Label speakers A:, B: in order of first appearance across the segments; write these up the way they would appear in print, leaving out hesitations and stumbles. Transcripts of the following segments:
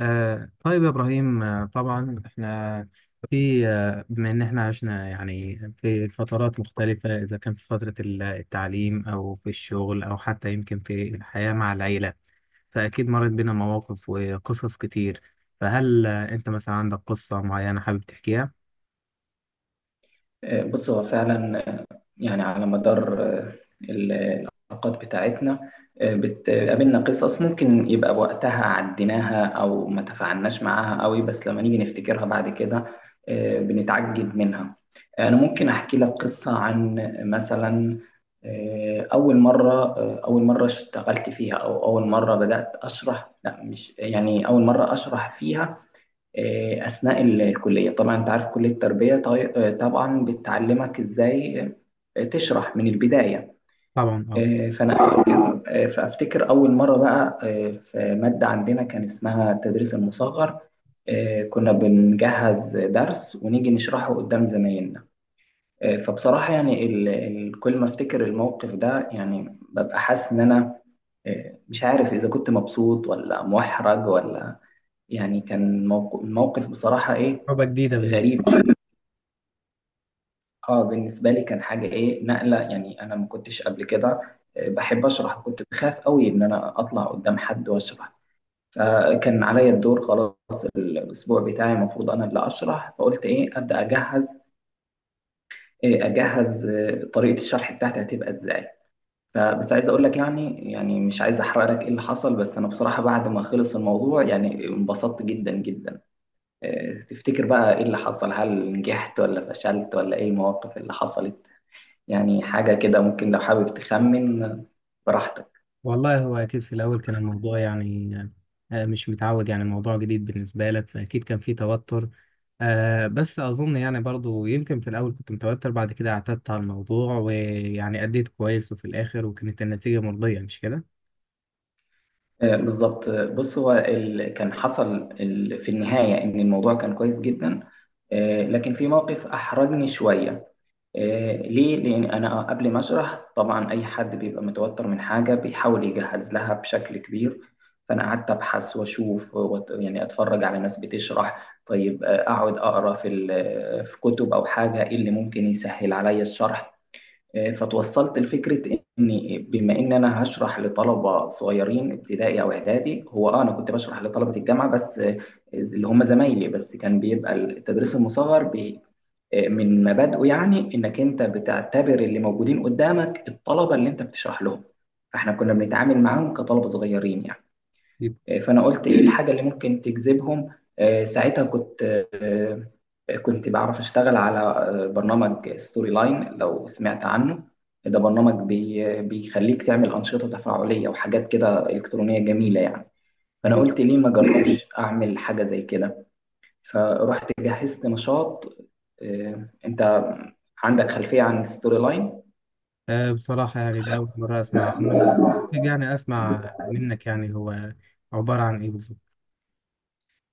A: طيب يا إبراهيم، طبعا إحنا في بما إن إحنا عشنا يعني في فترات مختلفة، إذا كان في فترة التعليم أو في الشغل أو حتى يمكن في الحياة مع العيلة، فأكيد مرت بينا مواقف وقصص كتير. فهل أنت مثلا عندك قصة معينة حابب تحكيها؟
B: بص هو فعلا، يعني على مدار العلاقات بتاعتنا، بتقابلنا قصص ممكن يبقى وقتها عديناها او ما تفاعلناش معاها قوي، بس لما نيجي نفتكرها بعد كده بنتعجب منها. انا ممكن احكي لك قصة عن، مثلا، اول مرة اشتغلت فيها، او اول مرة بدأت اشرح، لا مش يعني اول مرة اشرح فيها. أثناء الكلية، طبعا أنت عارف كلية التربية، طبعا بتعلمك إزاي تشرح من البداية.
A: طبعا أه.
B: آه، فأنا أفتكر آه، فأفتكر أول مرة بقى، في مادة عندنا كان اسمها التدريس المصغر. كنا بنجهز درس ونيجي نشرحه قدام زمايلنا. فبصراحة يعني كل ما أفتكر الموقف ده، يعني ببقى حاسس إن أنا مش عارف إذا كنت مبسوط ولا محرج ولا، يعني كان الموقف بصراحة إيه،
A: تجربة جديدة.
B: غريب. اه بالنسبة لي كان حاجة، إيه، نقلة. يعني أنا ما كنتش قبل كده بحب أشرح، كنت بخاف قوي إن أنا أطلع قدام حد وأشرح. فكان عليا الدور، خلاص، الأسبوع بتاعي المفروض أنا اللي أشرح. فقلت إيه أجهز، طريقة الشرح بتاعتي هتبقى إزاي. فبس عايز اقول لك، يعني مش عايز احرق لك ايه اللي حصل، بس انا بصراحة بعد ما خلص الموضوع يعني انبسطت جدا جدا. تفتكر بقى ايه اللي حصل؟ هل نجحت ولا فشلت، ولا ايه المواقف اللي حصلت؟ يعني حاجة كده. ممكن لو حابب تخمن براحتك.
A: والله هو أكيد في الأول كان الموضوع يعني مش متعود، يعني الموضوع جديد بالنسبة لك، فأكيد كان في توتر. بس أظن يعني برضو يمكن في الأول كنت متوتر، بعد كده اعتدت على الموضوع ويعني أديت كويس وفي الآخر، وكانت النتيجة مرضية مش كده؟
B: بالظبط. بص، هو كان حصل في النهاية إن الموضوع كان كويس جدا، لكن في موقف أحرجني شوية. ليه؟ لأن أنا قبل ما أشرح، طبعا أي حد بيبقى متوتر من حاجة بيحاول يجهز لها بشكل كبير. فأنا قعدت أبحث وأشوف، يعني أتفرج على ناس بتشرح، طيب، أقعد أقرأ في كتب، أو حاجة، إيه اللي ممكن يسهل عليا الشرح. فتوصلت لفكرة إن، بما إن أنا هشرح لطلبة صغيرين ابتدائي أو إعدادي، هو أنا كنت بشرح لطلبة الجامعة بس، اللي هم زمايلي، بس كان بيبقى التدريس المصغر بي آه، من مبادئه يعني إنك أنت بتعتبر اللي موجودين قدامك الطلبة اللي أنت بتشرح لهم. فإحنا كنا بنتعامل معاهم كطلبة صغيرين يعني.
A: طيب.
B: فانا قلت، ايه الحاجه اللي ممكن تجذبهم؟ ساعتها كنت، آه، كنت بعرف اشتغل على برنامج ستوري لاين، لو سمعت عنه. ده برنامج بيخليك تعمل انشطه تفاعليه وحاجات كده الكترونيه جميله يعني. فانا
A: جميل.
B: قلت ليه ما اجربش اعمل حاجه زي كده؟ فرحت جهزت نشاط. انت عندك خلفيه عن ستوري لاين؟
A: بصراحة يعني ده أول مرة أسمع عنه، بس يعني أسمع منك، يعني هو عبارة عن إيه بالظبط؟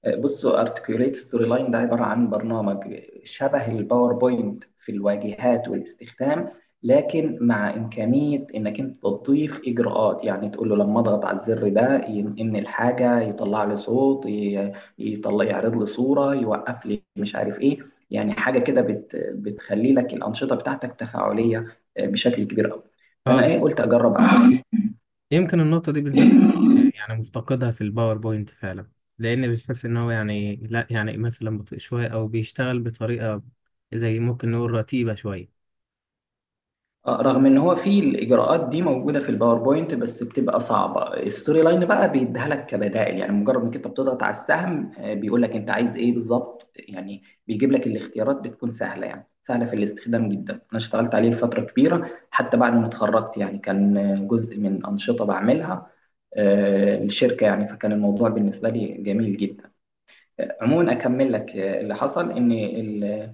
B: بصوا، ارتكيوليت ستوري لاين ده عباره عن برنامج شبه الباوربوينت في الواجهات والاستخدام، لكن مع امكانيه انك انت تضيف اجراءات، يعني تقول له لما اضغط على الزر ده ينقل الحاجه، يطلع لي صوت، يطلع، يعرض لي صوره، يوقف لي، مش عارف ايه. يعني حاجه كده بتخلي لك الانشطه بتاعتك تفاعليه بشكل كبير قوي. فانا،
A: جميل.
B: ايه، قلت اجرب.
A: يمكن النقطة دي بالذات يعني مفتقدها في الباوربوينت فعلا، لأن بتحس إن هو يعني لا، يعني مثلا بطيء شوية أو بيشتغل بطريقة زي ممكن نقول رتيبة شوية.
B: رغم ان هو في الاجراءات دي موجوده في الباوربوينت بس بتبقى صعبه، الستوري لاين بقى بيديها لك كبدائل، يعني مجرد انك انت بتضغط على السهم بيقول لك انت عايز ايه بالظبط، يعني بيجيب لك الاختيارات بتكون سهله، يعني سهله في الاستخدام جدا. انا اشتغلت عليه لفتره كبيره، حتى بعد ما اتخرجت يعني، كان جزء من انشطه بعملها الشركه يعني. فكان الموضوع بالنسبه لي جميل جدا. عموما اكمل لك اللي حصل، ان ال-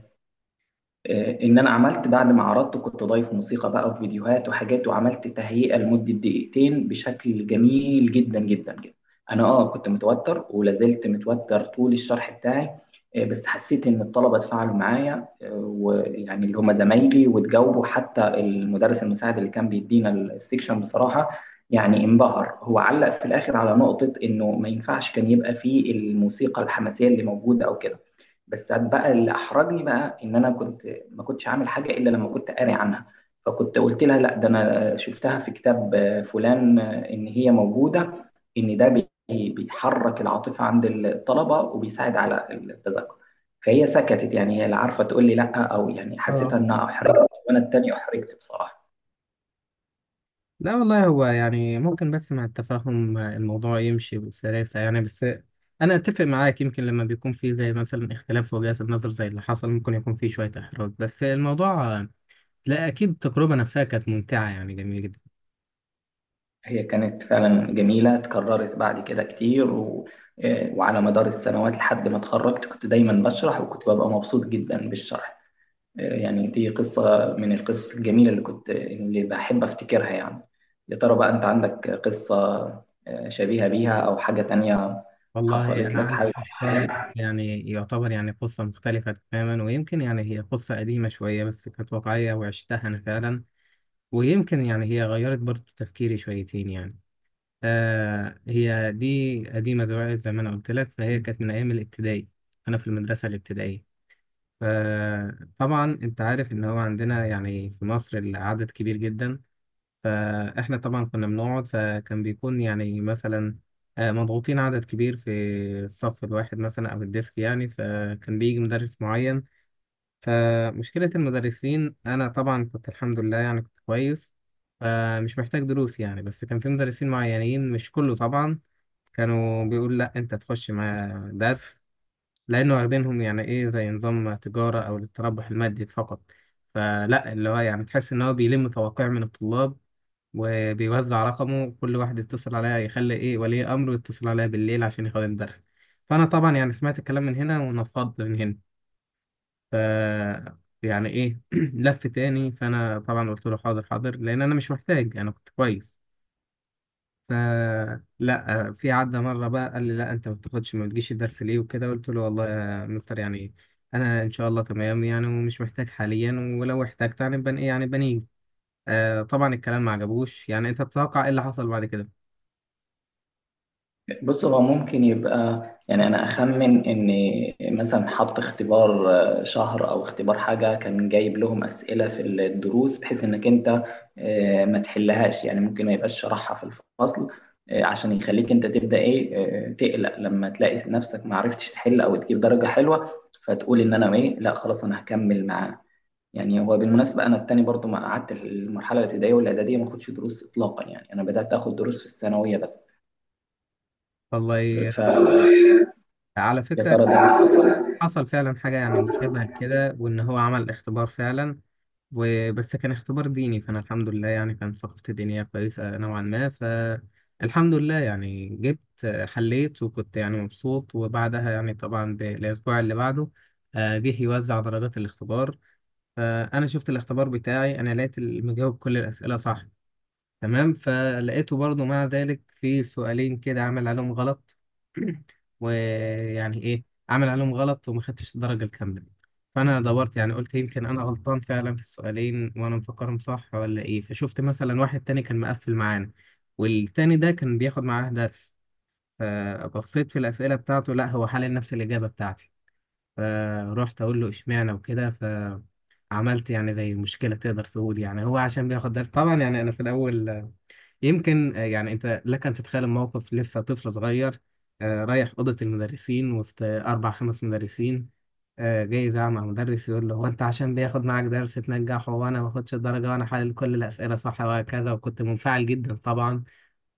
B: آه، ان انا عملت بعد ما عرضته، كنت ضايف موسيقى بقى وفيديوهات وحاجات، وعملت تهيئة لمدة دقيقتين بشكل جميل جدا جدا جدا. انا كنت متوتر، ولا زلت متوتر طول الشرح بتاعي، بس حسيت ان الطلبة اتفاعلوا معايا، ويعني اللي هم زمايلي، واتجاوبوا. حتى المدرس المساعد اللي كان بيدينا السكشن بصراحة يعني انبهر. هو علق في الاخر على نقطة انه ما ينفعش كان يبقى فيه الموسيقى الحماسية اللي موجودة او كده. بس بقى اللي احرجني بقى ان انا كنت، ما كنتش عامل حاجة إلا لما كنت قاري عنها. فكنت قلت لها لا، ده أنا شفتها في كتاب فلان، إن هي موجودة، إن ده بيحرك العاطفة عند الطلبة وبيساعد على التذاكر. فهي سكتت، يعني هي لا عارفة تقول لي لا أو، يعني حسيتها
A: اه.
B: إنها
A: مم.
B: أحرجت، وأنا التاني أحرجت بصراحة.
A: لا والله هو يعني ممكن، بس مع التفاهم الموضوع يمشي بسلاسة يعني. بس أنا أتفق معاك، يمكن لما بيكون في زي مثلا اختلاف في وجهات النظر زي اللي حصل، ممكن يكون في شوية إحراج، بس الموضوع لا، أكيد التجربة نفسها كانت ممتعة يعني، جميلة جدا.
B: هي كانت فعلا جميلة، اتكررت بعد كده كتير. و... آه، وعلى مدار السنوات لحد ما اتخرجت كنت دايما بشرح، وكنت ببقى مبسوط جدا بالشرح. يعني دي قصة من القصص الجميلة اللي بحب أفتكرها يعني. يا ترى بقى أنت عندك قصة شبيهة بيها أو حاجة تانية
A: والله
B: حصلت
A: أنا
B: لك،
A: عندي
B: حابب
A: قصة، بس
B: تحكيها؟
A: يعني يعتبر يعني قصة مختلفة تماما، ويمكن يعني هي قصة قديمة شوية بس كانت واقعية وعشتها أنا فعلا. ويمكن يعني هي غيرت برضو تفكيري شويتين يعني. آه، هي دي قديمة دلوقتي زي ما أنا قلت لك، فهي كانت من أيام الابتدائي. أنا في المدرسة الابتدائية، فطبعا أنت عارف إن هو عندنا يعني في مصر العدد كبير جدا. فاحنا طبعا كنا بنقعد، فكان بيكون يعني مثلا مضغوطين، عدد كبير في الصف الواحد مثلا او الديسك يعني. فكان بيجي مدرس معين، فمشكلة المدرسين، انا طبعا كنت الحمد لله يعني كنت كويس، فمش محتاج دروس يعني. بس كان في مدرسين معينين، مش كله طبعا، كانوا بيقول لا انت تخش مع درس، لانه واخدينهم يعني ايه زي نظام تجارة او للتربح المادي فقط. فلا اللي هو يعني تحس ان هو بيلم توقيع من الطلاب وبيوزع رقمه، كل واحد يتصل عليا، يخلي ايه ولي امره يتصل عليا بالليل عشان ياخد الدرس. فانا طبعا يعني سمعت الكلام من هنا ونفضت من هنا. ف يعني ايه لف تاني، فانا طبعا قلت له حاضر لان انا مش محتاج، انا كنت كويس. ف لا، في عدى مره بقى قال لي لا انت ما بتاخدش، ما بتجيش الدرس ليه وكده. قلت له والله يا مستر يعني انا ان شاء الله تمام يعني، ومش محتاج حاليا، ولو احتجت يعني بن ايه يعني بنيجي. آه طبعا الكلام ما عجبوش. يعني انت تتوقع ايه اللي حصل بعد كده؟
B: بص، هو ممكن يبقى، يعني انا اخمن ان مثلا حط اختبار شهر، او اختبار حاجه، كان جايب لهم اسئله في الدروس بحيث انك انت ما تحلهاش، يعني ممكن ما يبقاش شرحها في الفصل عشان يخليك انت تبدا، ايه، تقلق لما تلاقي نفسك ما عرفتش تحل او تجيب درجه حلوه، فتقول ان انا، ايه، لا خلاص انا هكمل معاه. يعني هو بالمناسبه انا التاني برضو ما قعدت المرحله الابتدائيه والاعداديه ما اخدش دروس اطلاقا، يعني انا بدات اخد دروس في الثانويه بس.
A: والله
B: ف
A: على
B: يا
A: فكرة
B: ترى ده
A: يعني
B: اللي حصل؟
A: حصل فعلا حاجة يعني مشابهة لكده، وإن هو عمل اختبار فعلا. وبس كان اختبار ديني، فأنا الحمد لله يعني كان ثقافتي الدينية كويسة نوعا ما، فالحمد لله يعني جبت، حليت وكنت يعني مبسوط. وبعدها يعني طبعا بالأسبوع اللي بعده جه يوزع درجات الاختبار. فأنا شفت الاختبار بتاعي، أنا لقيت المجاوب كل الأسئلة صح، تمام. فلقيته برضو مع ذلك في سؤالين كده عمل عليهم غلط. ويعني ايه، عمل عليهم غلط وما خدتش الدرجة الكاملة. فانا دورت، يعني قلت يمكن انا غلطان فعلا في السؤالين وانا مفكرهم صح ولا ايه. فشفت مثلا واحد تاني كان مقفل معانا والتاني ده كان بياخد معاه درس، فبصيت في الأسئلة بتاعته، لا هو حل نفس الإجابة بتاعتي. فروحت أقول له إشمعنى وكده. ف عملت يعني زي مشكلة، تقدر تقول يعني هو عشان بياخد درس. طبعا يعني أنا في الأول، يمكن يعني انت لك ان تتخيل الموقف، لسه طفل صغير رايح اوضه المدرسين وسط اربع خمس مدرسين، جاي يزعق مع مدرس يقول له هو انت عشان بياخد معاك درس تنجحه وانا ما باخدش الدرجه وانا حلل كل الاسئله صح وهكذا. وكنت منفعل جدا طبعا،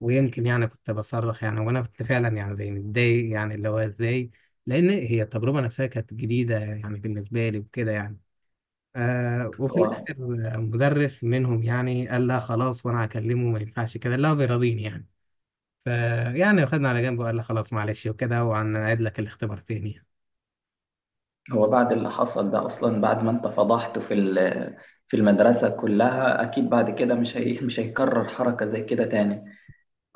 A: ويمكن يعني كنت بصرخ يعني، وانا كنت فعلا يعني زي متضايق يعني، اللي هو ازاي؟ لان هي التجربه نفسها كانت جديده يعني بالنسبه لي وكده يعني. آه، وفي
B: هو
A: الآخر مدرس منهم يعني قال لها خلاص وأنا هكلمه، ما ينفعش كده، لا بيراضيني يعني. فيعني واخدنا على جنب وقال لها خلاص معلش وكده، وهنعيد لك الاختبار تاني.
B: هو بعد اللي حصل ده اصلا، بعد ما انت فضحته في المدرسة كلها، اكيد بعد كده، مش هيكرر حركة زي كده تاني.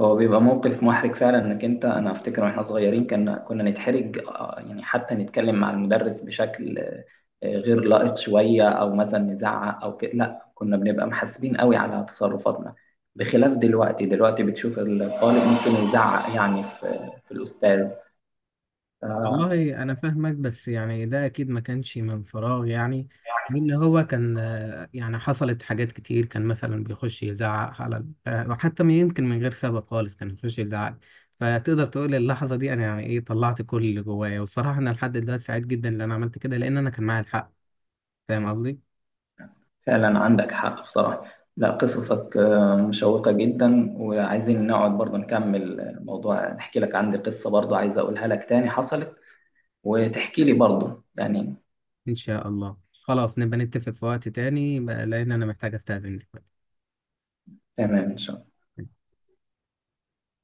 B: هو بيبقى موقف محرج فعلا، انك انت، انا افتكر واحنا صغيرين كنا نتحرج يعني حتى نتكلم مع المدرس بشكل غير لائق شوية، او مثلا نزعق او كده، لا كنا بنبقى محاسبين قوي على تصرفاتنا. بخلاف دلوقتي. دلوقتي بتشوف الطالب ممكن يزعق يعني في الاستاذ.
A: والله أنا فاهمك، بس يعني ده أكيد ما كانش من فراغ يعني. لأن هو كان يعني حصلت حاجات كتير، كان مثلا بيخش يزعق على وحتى يمكن من غير سبب خالص كان بيخش يزعق. فتقدر تقول اللحظة دي أنا يعني إيه طلعت كل اللي جوايا، والصراحة أنا لحد دلوقتي سعيد جدا إن أنا عملت كده، لأن أنا كان معايا الحق. فاهم قصدي؟
B: فعلا عندك حق بصراحة. لا، قصصك مشوقة جدا، وعايزين نقعد برضه نكمل الموضوع، نحكي لك، عندي قصة برضه عايز أقولها لك تاني حصلت، وتحكي لي برضه يعني.
A: إن شاء الله، خلاص نبقى نتفق في وقت تاني بقى، لأن أنا محتاج أستأذن دلوقتي.
B: تمام إن شاء الله.